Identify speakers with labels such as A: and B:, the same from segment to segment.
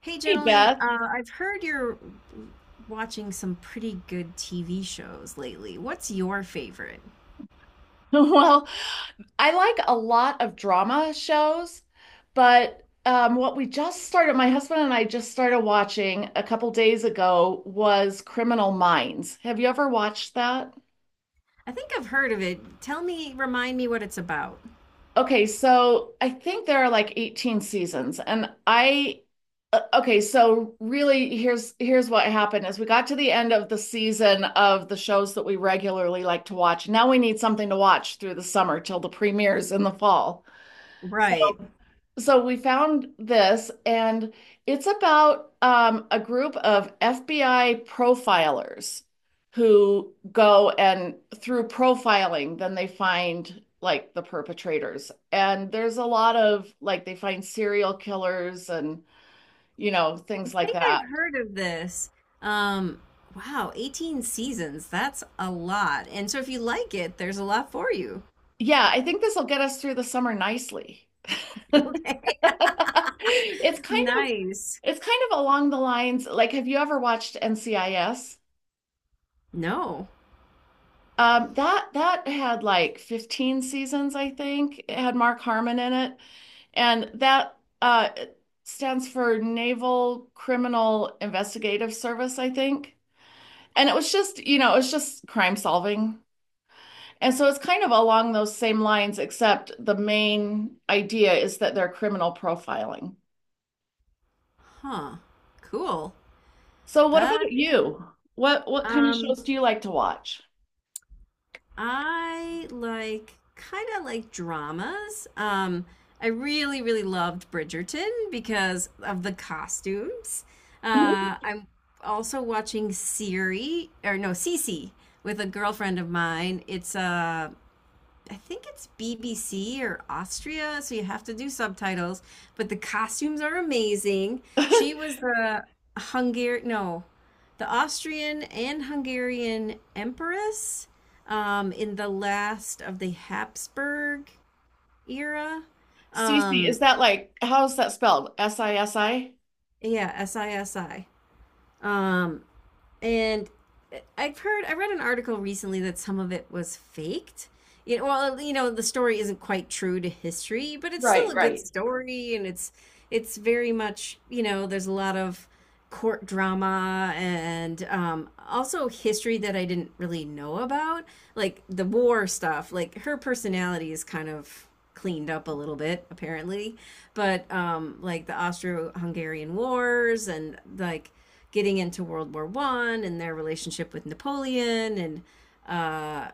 A: Hey,
B: Hey
A: gentlemen,
B: Beth.
A: I've heard you're watching some pretty good TV shows lately. What's your favorite?
B: Well, I like a lot of drama shows, but what we just started, my husband and I just started watching a couple days ago was Criminal Minds. Have you ever watched that?
A: I think I've heard of it. Tell me, remind me what it's about.
B: Okay, so I think there are like 18 seasons, and I okay, so really here's what happened is we got to the end of the season of the shows that we regularly like to watch. Now we need something to watch through the summer till the premieres in the fall. So
A: Right. I
B: So we found this, and it's about a group of FBI profilers who go and through profiling, then they find like the perpetrators. And there's a lot of like they find serial killers and things like
A: think
B: that.
A: I've heard of this. Um, wow, 18 seasons. That's a lot. And so if you like it, there's a lot for you.
B: Yeah, I think this will get us through the summer nicely.
A: Okay.
B: It's kind of
A: Nice.
B: it's kind of along the lines like have you ever watched NCIS?
A: No.
B: That had like 15 seasons, I think. It had Mark Harmon in it, and that uh stands for Naval Criminal Investigative Service, I think. And it was just, it was just crime solving. And so it's kind of along those same lines, except the main idea is that they're criminal profiling.
A: Huh. Cool.
B: So what about
A: That is,
B: you? What kind of
A: um,
B: shows do you like to watch?
A: I like kind of like dramas. I really, really loved Bridgerton because of the costumes.
B: Mhm.
A: I'm also watching Siri, or no, Cece with a girlfriend of mine. It's a I think it's BBC or Austria, so you have to do subtitles. But the costumes are amazing. She was the Hungarian, no, the Austrian and Hungarian empress in the last of the Habsburg era.
B: Sisi,
A: Um,
B: is that like how's that spelled? SISI?
A: yeah, SISI. Um, and I've heard, I read an article recently that some of it was faked. You know, well, you know, the story isn't quite true to history, but it's still
B: Right,
A: a good
B: right.
A: story, and it's very much, you know, there's a lot of court drama and also history that I didn't really know about, like the war stuff. Like her personality is kind of cleaned up a little bit, apparently, but like the Austro-Hungarian wars and like getting into World War One and their relationship with Napoleon and uh,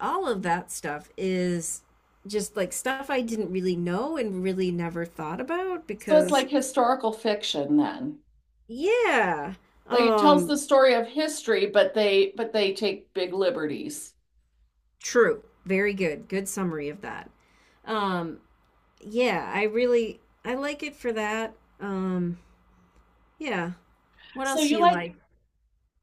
A: all of that stuff is just like stuff I didn't really know and really never thought about
B: So it's
A: because
B: like historical fiction then.
A: yeah.
B: Like it tells
A: Um
B: the story of history, but they take big liberties.
A: True. Very good. Good summary of that. Um yeah, I really I like it for that. Um yeah. What
B: So
A: else do
B: you
A: you
B: like,
A: like?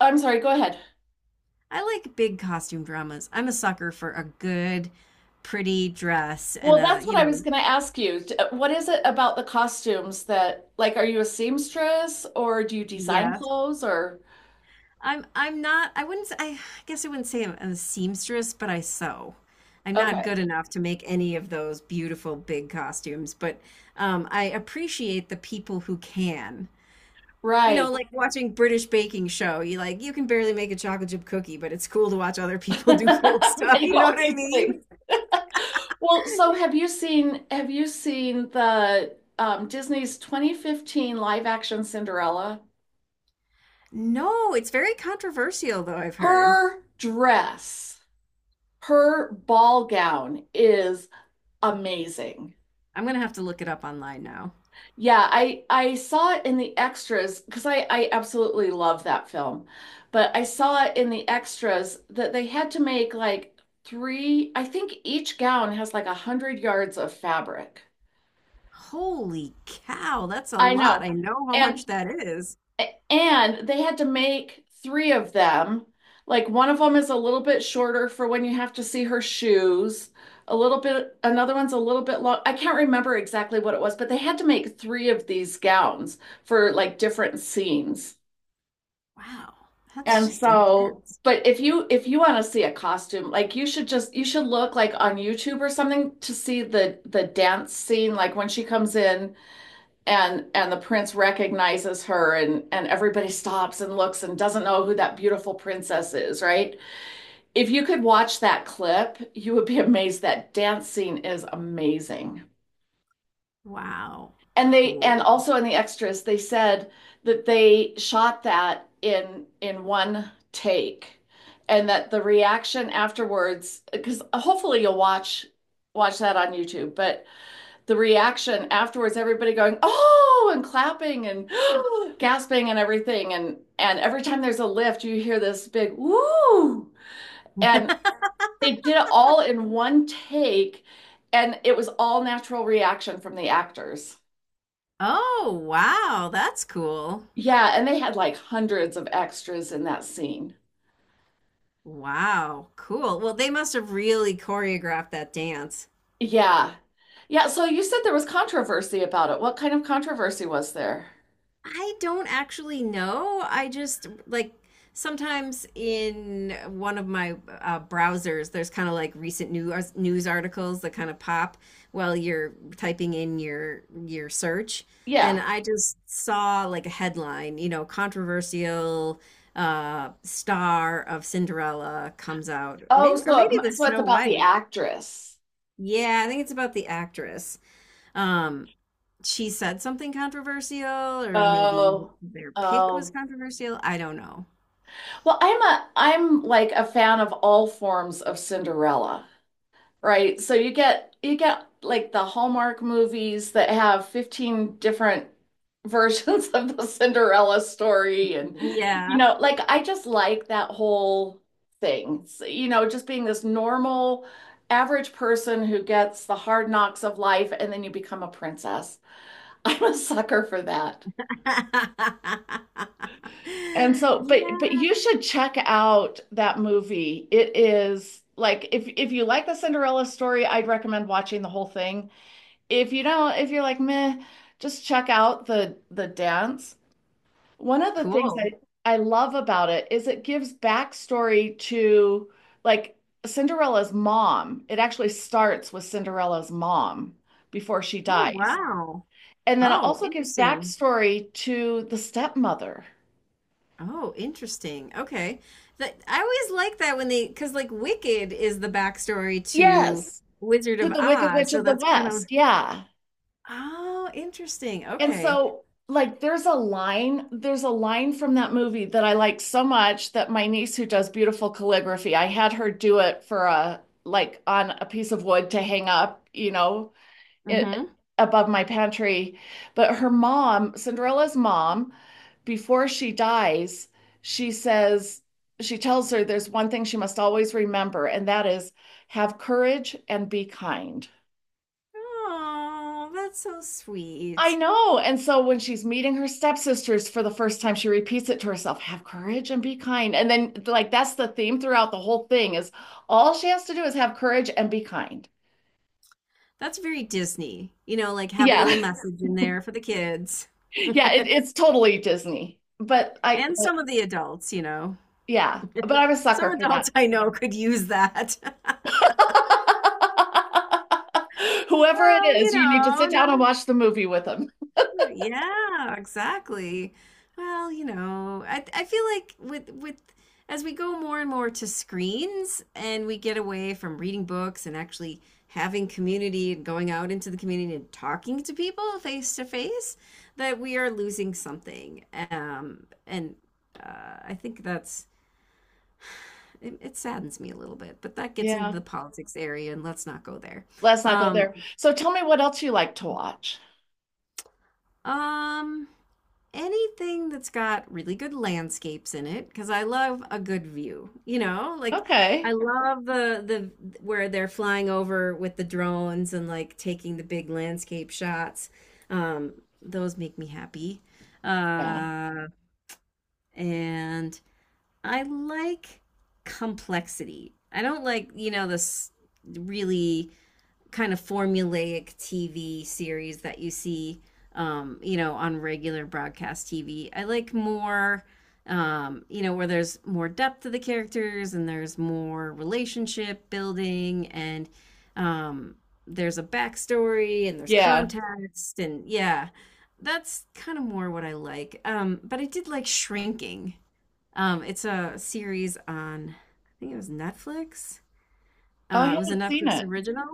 B: I'm sorry, go ahead.
A: I like big costume dramas. I'm a sucker for a good pretty dress and
B: Well,
A: a,
B: that's what
A: you
B: I was
A: know,
B: going to ask you. D- What is it about the costumes that like are you a seamstress or do you design
A: yes,
B: clothes or
A: I guess I wouldn't say I'm a seamstress, but I sew. I'm not good
B: okay.
A: enough to make any of those beautiful big costumes, but I appreciate the people who can. You know,
B: Right.
A: like watching British baking show, you like you can barely make a chocolate chip cookie, but it's cool to watch other people do cool stuff.
B: Make
A: You know
B: all
A: what I
B: these
A: mean?
B: things. Well, so have you seen the Disney's 2015 live action Cinderella?
A: No, it's very controversial though, I've heard.
B: Her dress, her ball gown is amazing.
A: I'm gonna have to look it up online now.
B: Yeah, I saw it in the extras because I absolutely love that film. But I saw it in the extras that they had to make like three, I think each gown has like a hundred yards of fabric.
A: Holy cow, that's a
B: I
A: lot. I
B: know.
A: know how
B: And
A: much that is.
B: And they had to make three of them. Like one of them is a little bit shorter for when you have to see her shoes. A little bit, another one's a little bit long. I can't remember exactly what it was, but they had to make three of these gowns for like different scenes.
A: Wow, that's
B: And
A: just
B: so,
A: intense.
B: but if you want to see a costume, like you should look like on YouTube or something to see the dance scene, like when she comes in and the prince recognizes her and everybody stops and looks and doesn't know who that beautiful princess is, right? If you could watch that clip you would be amazed. That dance scene is amazing.
A: Wow,
B: And they, and
A: cool.
B: also in the extras they said that they shot that in one take, and that the reaction afterwards, because hopefully you'll watch that on YouTube, but the reaction afterwards, everybody going oh and clapping and gasping and everything, and every time there's a lift you hear this big woo. And they did it all in one take, and it was all natural reaction from the actors.
A: Oh, wow, that's cool.
B: Yeah, and they had like hundreds of extras in that scene.
A: Wow, cool. Well, they must have really choreographed that dance.
B: Yeah. Yeah, so you said there was controversy about it. What kind of controversy was there?
A: I don't actually know. I just like sometimes in one of my browsers, there's kind of like recent news articles that kind of pop while you're typing in your search,
B: Yeah.
A: and I just saw like a headline, you know, controversial star of Cinderella comes out, or
B: Oh,
A: maybe or
B: so
A: maybe the
B: it's
A: Snow
B: about the
A: White.
B: actress.
A: Yeah, I think it's about the actress. Um, she said something controversial, or maybe
B: Oh.
A: their pick was
B: Oh.
A: controversial. I don't know.
B: Well, I'm like a fan of all forms of Cinderella, right? So you get like the Hallmark movies that have 15 different versions of the Cinderella story, and
A: Yeah.
B: like I just like that whole thing. So, just being this normal average person who gets the hard knocks of life and then you become a princess. I'm a sucker for that. And so, but
A: Yeah.
B: you should check out that movie. It is like if you like the Cinderella story, I'd recommend watching the whole thing. If you don't, if you're like meh, just check out the dance. One of the things I
A: Cool.
B: I love about it is it gives backstory to like Cinderella's mom. It actually starts with Cinderella's mom before she
A: Oh,
B: dies.
A: wow.
B: And then it
A: Oh,
B: also gives
A: interesting.
B: backstory to the stepmother.
A: Oh, interesting. Okay. That I always like that when they, because like Wicked is the backstory to
B: Yes.
A: Wizard
B: To
A: of
B: the Wicked
A: Oz,
B: Witch
A: so
B: of the
A: that's kind of
B: West. Yeah.
A: oh, interesting.
B: And
A: Okay.
B: so like there's a line from that movie that I like so much that my niece who does beautiful calligraphy, I had her do it for a like on a piece of wood to hang up, it,
A: Mm-hmm.
B: above my pantry. But her mom, Cinderella's mom, before she dies, she says, she tells her there's one thing she must always remember, and that is have courage and be kind.
A: Oh, that's so
B: I
A: sweet.
B: know. And so when she's meeting her stepsisters for the first time, she repeats it to herself, have courage and be kind. And then like that's the theme throughout the whole thing is all she has to do is have courage and be kind.
A: That's very Disney. You know, like have a
B: Yeah.
A: little message in there for the kids
B: Yeah, it's totally Disney. But I
A: and some
B: like,
A: of the adults, you know.
B: yeah, but I'm a
A: Some
B: sucker for that.
A: adults I know could use that.
B: Whoever it
A: Well, you
B: is, you need to
A: know,
B: sit down and
A: not
B: watch the movie with them.
A: yeah, exactly. Well, you know, I feel like with as we go more and more to screens and we get away from reading books and actually having community and going out into the community and talking to people face to face, that we are losing something. And I think that's it, it saddens me a little bit, but that gets into
B: Yeah.
A: the politics area and let's not go there.
B: Let's not go
A: Um,
B: there. So tell me what else you like to watch.
A: um Anything that's got really good landscapes in it because I love a good view. You know, like I
B: Okay.
A: love the where they're flying over with the drones and like taking the big landscape shots. Um, those make me happy.
B: Yeah.
A: Uh, and I like complexity. I don't like, you know, this really kind of formulaic TV series that you see, you know, on regular broadcast TV. I like more, you know, where there's more depth to the characters and there's more relationship building and um, there's a backstory and there's
B: Yeah.
A: context and yeah, that's kind of more what I like. But I did like Shrinking. It's a series on, I think it was Netflix.
B: Oh, I
A: It was a
B: haven't seen
A: Netflix
B: it.
A: original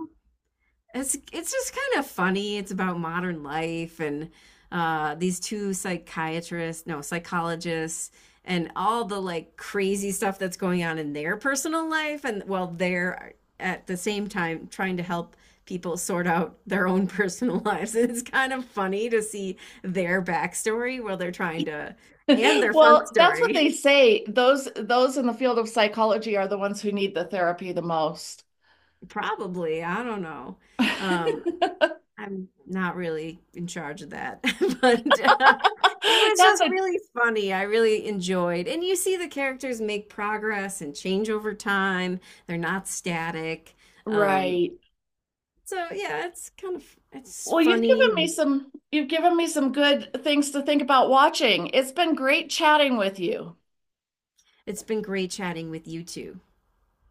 A: it's just kind of funny. It's about modern life and these two psychiatrists, no psychologists, and all the like crazy stuff that's going on in their personal life, and while they're at the same time trying to help people sort out their own personal lives. And it's kind of funny to see their backstory while they're trying to and their front
B: Well, that's what
A: story.
B: they say. Those in the field of psychology are the ones who need the therapy the most.
A: Probably, I don't know. Um, I'm not really in charge of that, but it was
B: That's
A: just
B: a
A: really funny, I really enjoyed and you see the characters make progress and change over time, they're not static, um,
B: right.
A: so yeah, it's kind of it's
B: Well, you've given
A: funny,
B: me some, you've given me some good things to think about watching. It's been great chatting with you.
A: it's been great chatting with you two.